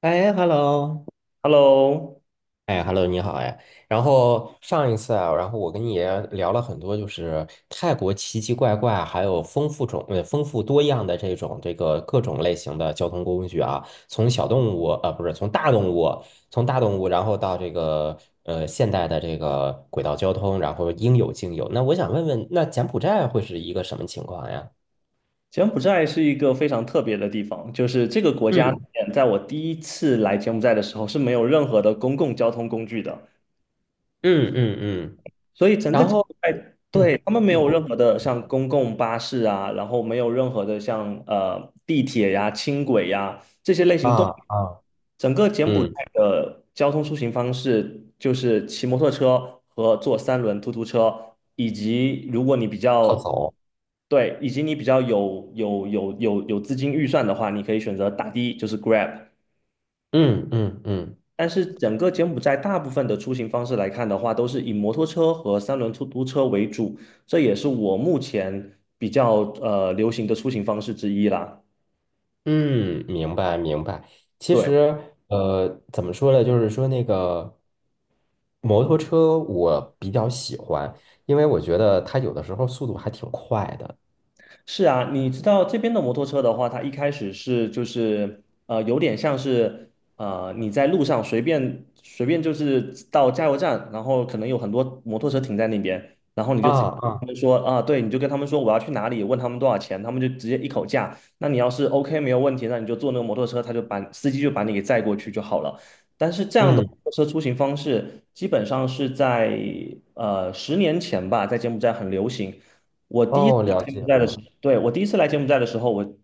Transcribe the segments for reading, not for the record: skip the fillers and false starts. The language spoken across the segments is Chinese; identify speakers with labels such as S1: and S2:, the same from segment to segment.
S1: 哎，hello，
S2: Hello，
S1: 哎，Hello，你好哎。然后上一次啊，然后我跟你也聊了很多，就是泰国奇奇怪怪，还有丰富多样的这种各种类型的交通工具啊，从小动物啊呃不是从大动物，从大动物然后到这个现代的这个轨道交通，然后应有尽有。那我想问问，那柬埔寨会是一个什么情况呀？
S2: 柬埔寨是一个非常特别的地方，就是这个国家里
S1: 嗯
S2: 面在我第一次来柬埔寨的时候是没有任何的公共交通工具的，
S1: 嗯嗯嗯。
S2: 所以整个
S1: 然
S2: 柬
S1: 后
S2: 埔寨对
S1: 嗯，
S2: 他们没有
S1: 我
S2: 任何的像公共巴士啊，然后没有任何的像地铁呀、轻轨呀这些类型都
S1: 啊
S2: 没有。
S1: 啊
S2: 整个柬埔寨
S1: 嗯，
S2: 的交通出行方式就是骑摩托车和坐三轮突突车，以及如果你比
S1: 靠
S2: 较
S1: 走。
S2: 对，以及你比较有资金预算的话，你可以选择打的，就是 Grab。
S1: 嗯嗯嗯
S2: 但是整个柬埔寨大部分的出行方式来看的话，都是以摩托车和三轮出租车为主，这也是我目前比较流行的出行方式之一啦。
S1: 嗯，明白明白。其
S2: 对。
S1: 实，怎么说呢？就是说那个摩托车，我比较喜欢，因为我觉得它有的时候速度还挺快的。
S2: 是啊，你知道这边的摩托车的话，它一开始是就是有点像是你在路上随便就是到加油站，然后可能有很多摩托车停在那边，然后你
S1: 啊
S2: 就直接跟他
S1: 啊。
S2: 们说啊，对，你就跟他们说我要去哪里，问他们多少钱，他们就直接一口价。那你要是 OK 没有问题，那你就坐那个摩托车，他就把司机就把你给载过去就好了。但是这样的摩
S1: 嗯。
S2: 托车出行方式，基本上是在10年前吧，在柬埔寨很流行。我第一次
S1: 哦，了
S2: 来柬
S1: 解
S2: 埔寨的时
S1: 了。
S2: 候对，我第一次来柬埔寨的时候，我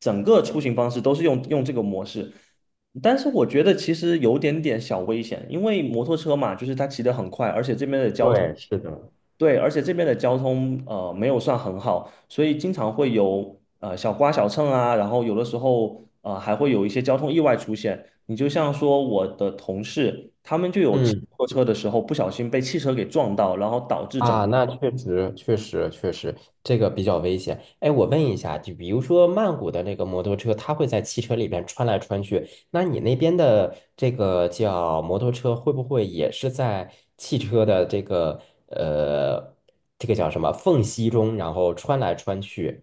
S2: 整个出行方式都是用这个模式，但是我觉得其实有点点小危险，因为摩托车嘛，就是它骑得很快，而且这边的交通，
S1: 对，是的。
S2: 对，而且这边的交通没有算很好，所以经常会有小刮小蹭啊，然后有的时候还会有一些交通意外出现。你就像说我的同事，他们就有骑
S1: 嗯。
S2: 摩托车的时候不小心被汽车给撞到，然后导致整。
S1: 啊，那确实，确实，确实，这个比较危险。哎，我问一下，就比如说曼谷的那个摩托车，它会在汽车里边穿来穿去，那你那边的这个叫摩托车，会不会也是在汽车的呃，这个叫什么缝隙中，然后穿来穿去？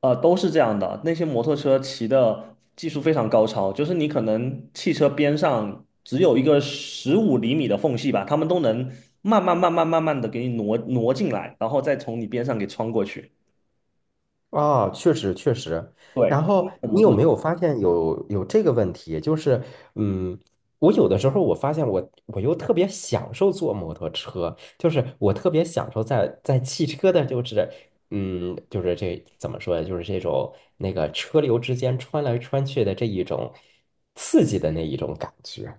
S2: 都是这样的。那些摩托车骑的技术非常高超，就是你可能汽车边上只有一个15厘米的缝隙吧，他们都能慢慢的给你挪挪进来，然后再从你边上给穿过去。
S1: 啊，确实确实。
S2: 对，
S1: 然
S2: 通
S1: 后
S2: 过摩
S1: 你有
S2: 托。
S1: 没有发现有这个问题？就是，嗯，我有的时候我发现我又特别享受坐摩托车，就是我特别享受在汽车的，就是,怎么说呢？就是这种那个车流之间穿来穿去的这一种刺激的那一种感觉。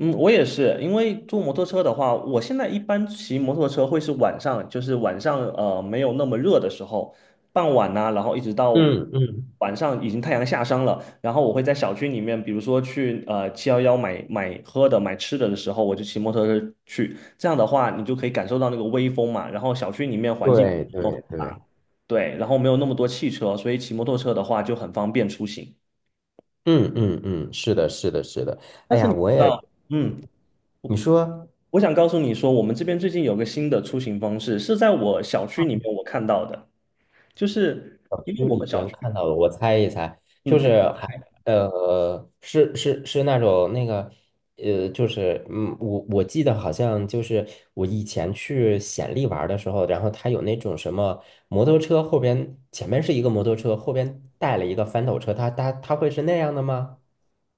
S2: 嗯，我也是，因为坐摩托车的话，我现在一般骑摩托车会是晚上，就是晚上没有那么热的时候，傍晚呐、然后一直到
S1: 嗯嗯，
S2: 晚上已经太阳下山了，然后我会在小区里面，比如说去711买买喝的、买吃的的时候，我就骑摩托车去，这样的话你就可以感受到那个微风嘛，然后小区里面环境。
S1: 对
S2: 哦，
S1: 对对，
S2: 对，然后没有那么多汽车，所以骑摩托车的话就很方便出行。
S1: 嗯嗯嗯，是的，是的，是的。
S2: 但
S1: 哎
S2: 是
S1: 呀，
S2: 你知
S1: 我也，
S2: 道，嗯，
S1: 你说。
S2: 我想告诉你说，我们这边最近有个新的出行方式，是在我小区里面我看到的，就是
S1: 小
S2: 因为
S1: 区
S2: 我
S1: 里
S2: 们小
S1: 边
S2: 区，
S1: 看到的，我猜一猜，就
S2: 嗯，你
S1: 是还呃，是是是那种那个,我记得好像就是我以前去显利玩儿的时候，然后他有那种什么摩托车后边前面是一个摩托车，后边带了一个翻斗车，他会是那样的吗？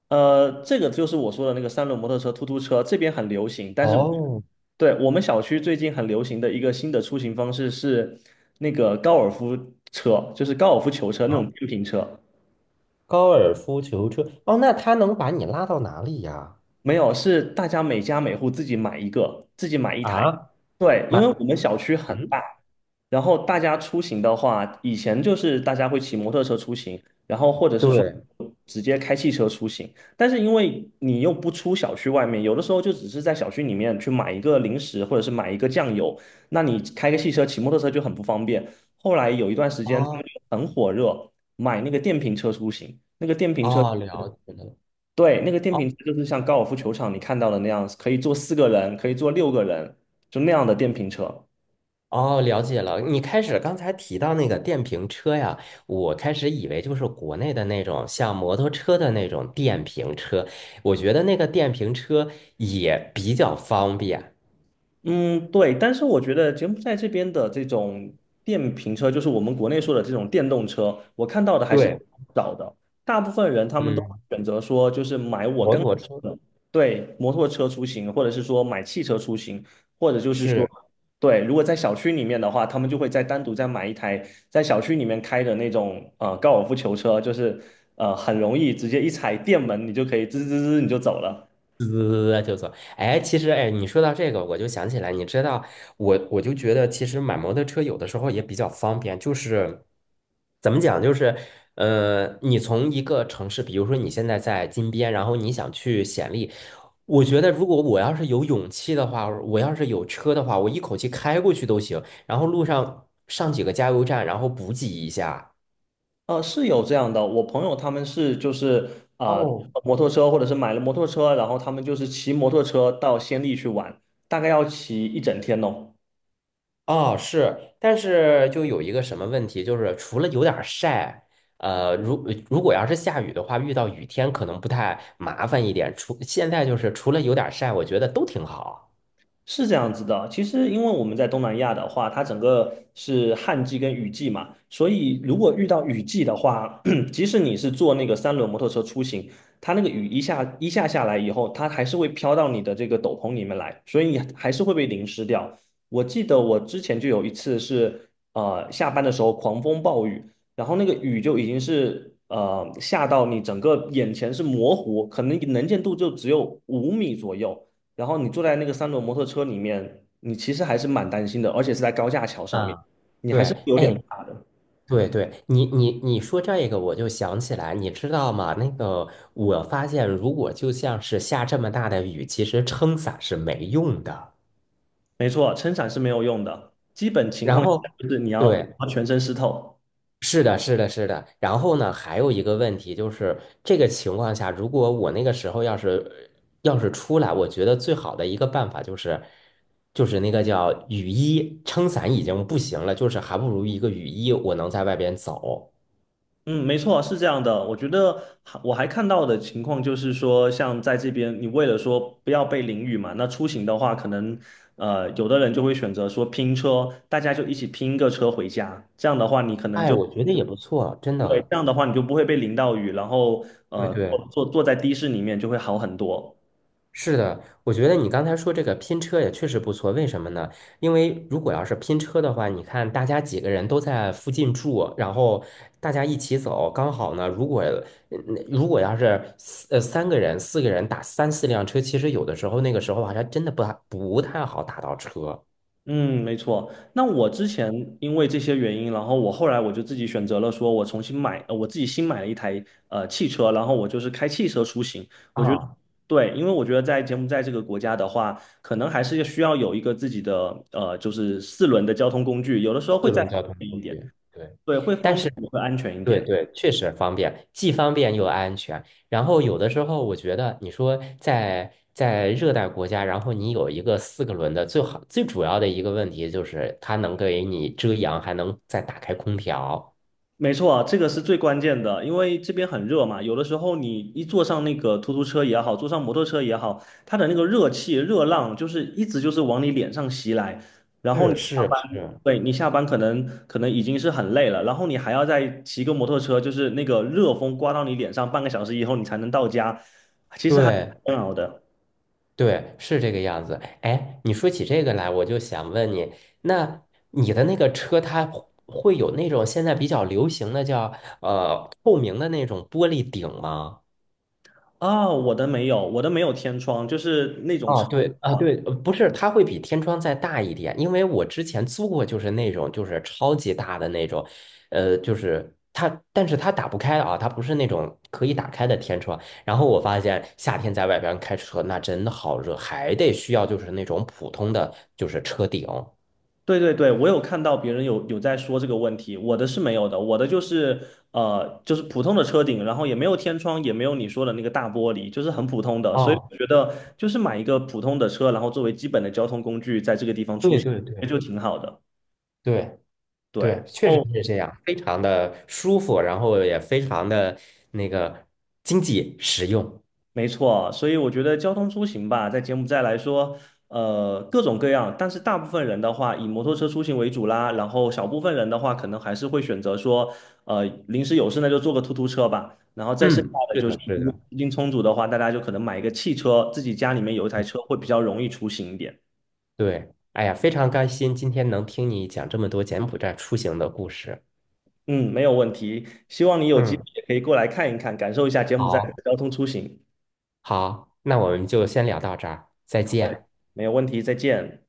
S2: 这个就是我说的那个三轮摩托车、突突车，这边很流行，但是
S1: 哦，
S2: 对，我们小区最近很流行的一个新的出行方式是那个高尔夫车，就是高尔夫球车那
S1: 好，
S2: 种电瓶车，
S1: 高尔夫球车，哦，那他能把你拉到哪里呀？
S2: 没有，是大家每家每户自己买一个，自己买一台。
S1: 啊，
S2: 对，因为我
S1: 买，
S2: 们小区很
S1: 嗯，
S2: 大，然后大家出行的话，以前就是大家会骑摩托车出行，然后或者是说
S1: 对，
S2: 直接开汽车出行。但是因为你又不出小区外面，有的时候就只是在小区里面去买一个零食或者是买一个酱油，那你开个汽车、骑摩托车就很不方便。后来有一段时间他们
S1: 哦
S2: 就很火热，买那个电瓶车出行，那个电瓶车。
S1: 哦，了解了。
S2: 对，那个电瓶车就是像高尔夫球场你看到的那样，可以坐四个人，可以坐六个人，就那样的电瓶车。
S1: 哦，了解了。你开始刚才提到那个电瓶车呀，我开始以为就是国内的那种像摩托车的那种电瓶车，我觉得那个电瓶车也比较方便。
S2: 嗯，对，但是我觉得柬埔寨这边的这种电瓶车，就是我们国内说的这种电动车，我看到的还是比
S1: 对，
S2: 较少的。大部分人他们都会
S1: 嗯，
S2: 选择说，就是买我
S1: 摩
S2: 刚才
S1: 托车
S2: 说的，对，摩托车出行，或者是说买汽车出行，或者就是说，
S1: 是。
S2: 对，如果在小区里面的话，他们就会再单独再买一台在小区里面开的那种高尔夫球车，就是很容易直接一踩电门，你就可以滋滋滋你就走了。
S1: 滋就走。哎，其实哎，你说到这个，我就想起来，你知道，我就觉得，其实买摩托车有的时候也比较方便，就是怎么讲，就是,你从一个城市，比如说你现在在金边，然后你想去显利，我觉得如果我要是有勇气的话，我要是有车的话，我一口气开过去都行，然后路上上几个加油站，然后补给一下。
S2: 是有这样的，我朋友他们是就是呃
S1: 哦，
S2: 摩托车或者是买了摩托车，然后他们就是骑摩托车到仙力去玩，大概要骑一整天哦。
S1: 哦，是，但是就有一个什么问题，就是除了有点儿晒，如果要是下雨的话，遇到雨天可能不太麻烦一点。除现在就是除了有点儿晒，我觉得都挺好。
S2: 是这样子的，其实因为我们在东南亚的话，它整个是旱季跟雨季嘛，所以如果遇到雨季的话，即使你是坐那个三轮摩托车出行，它那个雨一下一下下来以后，它还是会飘到你的这个斗篷里面来，所以你还是会被淋湿掉。我记得我之前就有一次是，下班的时候狂风暴雨，然后那个雨就已经是下到你整个眼前是模糊，可能能见度就只有5米左右。然后你坐在那个三轮摩托车里面，你其实还是蛮担心的，而且是在高架桥上面，
S1: 啊，
S2: 你还
S1: 对，
S2: 是有点，
S1: 哎，对对，你说这个，我就想起来，你知道吗？那个，我发现如果就像是下这么大的雨，其实撑伞是没用的。
S2: 没错，撑伞是没有用的。基本情
S1: 然
S2: 况下
S1: 后，
S2: 就是你要
S1: 对，
S2: 要全身湿透。
S1: 是的，是的，是的。然后呢，还有一个问题就是，这个情况下，如果我那个时候要是出来，我觉得最好的一个办法就是，就是那个叫雨衣，撑伞已经不行了，就是还不如一个雨衣，我能在外边走。
S2: 嗯，没错，是这样的。我还看到的情况就是说，像在这边，你为了说不要被淋雨嘛，那出行的话，可能有的人就会选择说拼车，大家就一起拼一个车回家。这样的话，你可能
S1: 哎，
S2: 就
S1: 我觉得也不错，真
S2: 对，
S1: 的。
S2: 这样的话你就不会被淋到雨，然后
S1: 对对。
S2: 坐在的士里面就会好很多。
S1: 是的，我觉得你刚才说这个拼车也确实不错。为什么呢？因为如果要是拼车的话，你看大家几个人都在附近住，然后大家一起走，刚好呢。如果嗯如果要是三个人、四个人打三四辆车，其实有的时候那个时候好像真的不太好打到车，
S2: 嗯，没错。那我之前因为这些原因，然后我后来我就自己选择了，说我重新买，我自己新买了一台汽车，然后我就是开汽车出行。我觉得
S1: 啊，
S2: 对，因为我觉得在柬埔寨这个国家的话，可能还是需要有一个自己的就是四轮的交通工具，有的时候会
S1: 四
S2: 再
S1: 轮
S2: 方
S1: 交通
S2: 便一
S1: 工
S2: 点，
S1: 具。对，
S2: 对，会方
S1: 但
S2: 便
S1: 是
S2: 也会安全一
S1: 对
S2: 点。
S1: 对，确实方便，既方便又安全。然后有的时候，我觉得你说在热带国家，然后你有一个四个轮的，最好最主要的一个问题就是它能给你遮阳，还能再打开空调。
S2: 没错啊，这个是最关键的，因为这边很热嘛，有的时候你一坐上那个突突车也好，坐上摩托车也好，它的那个热气、热浪就是一直就是往你脸上袭来，然后你
S1: 是
S2: 下
S1: 是
S2: 班，
S1: 是，
S2: 对，你下班可能已经是很累了，然后你还要再骑个摩托车，就是那个热风刮到你脸上，半个小时以后你才能到家，
S1: 对
S2: 煎熬的。
S1: 对，是这个样子。哎，你说起这个来，我就想问你，那你的那个车，它会有那种现在比较流行的叫透明的那种玻璃顶吗？
S2: 我的没有天窗，就是那种。
S1: 啊，
S2: 车。
S1: 对啊，对，不是，它会比天窗再大一点，因为我之前租过，就是那种就是超级大的那种，就是它，但是它打不开啊，它不是那种可以打开的天窗。然后我发现夏天在外边开车那真的好热，还得需要就是那种普通的就是车顶。
S2: 对对对，我有看到别人有在说这个问题，我的是没有的，我的就是就是普通的车顶，然后也没有天窗，也没有你说的那个大玻璃，就是很普通的，所以
S1: 啊，
S2: 我觉得就是买一个普通的车，然后作为基本的交通工具，在这个地方出
S1: 对
S2: 行
S1: 对对，
S2: 就挺好的。
S1: 对
S2: 对，然
S1: 对，确实
S2: 后。
S1: 是这样，非常的舒服，然后也非常的那个经济实用。
S2: 没错，所以我觉得交通出行吧，在柬埔寨来说，各种各样，但是大部分人的话以摩托车出行为主啦，然后小部分人的话，可能还是会选择说，临时有事那就坐个突突车吧，然后再剩下
S1: 嗯，
S2: 的
S1: 是
S2: 就是
S1: 的，
S2: 如
S1: 是
S2: 果
S1: 的。
S2: 资金充足的话，大家就可能买一个汽车，自己家里面有一台车会比较容易出行一点。
S1: 对，哎呀，非常开心今天能听你讲这么多柬埔寨出行的故事。
S2: 嗯，没有问题，希望你有机会
S1: 嗯，
S2: 也可以过来看一看，感受一下柬埔寨的
S1: 好，
S2: 交通出行。
S1: 好，那我们就先聊到这儿，再
S2: 好的，
S1: 见。
S2: 没有问题，再见。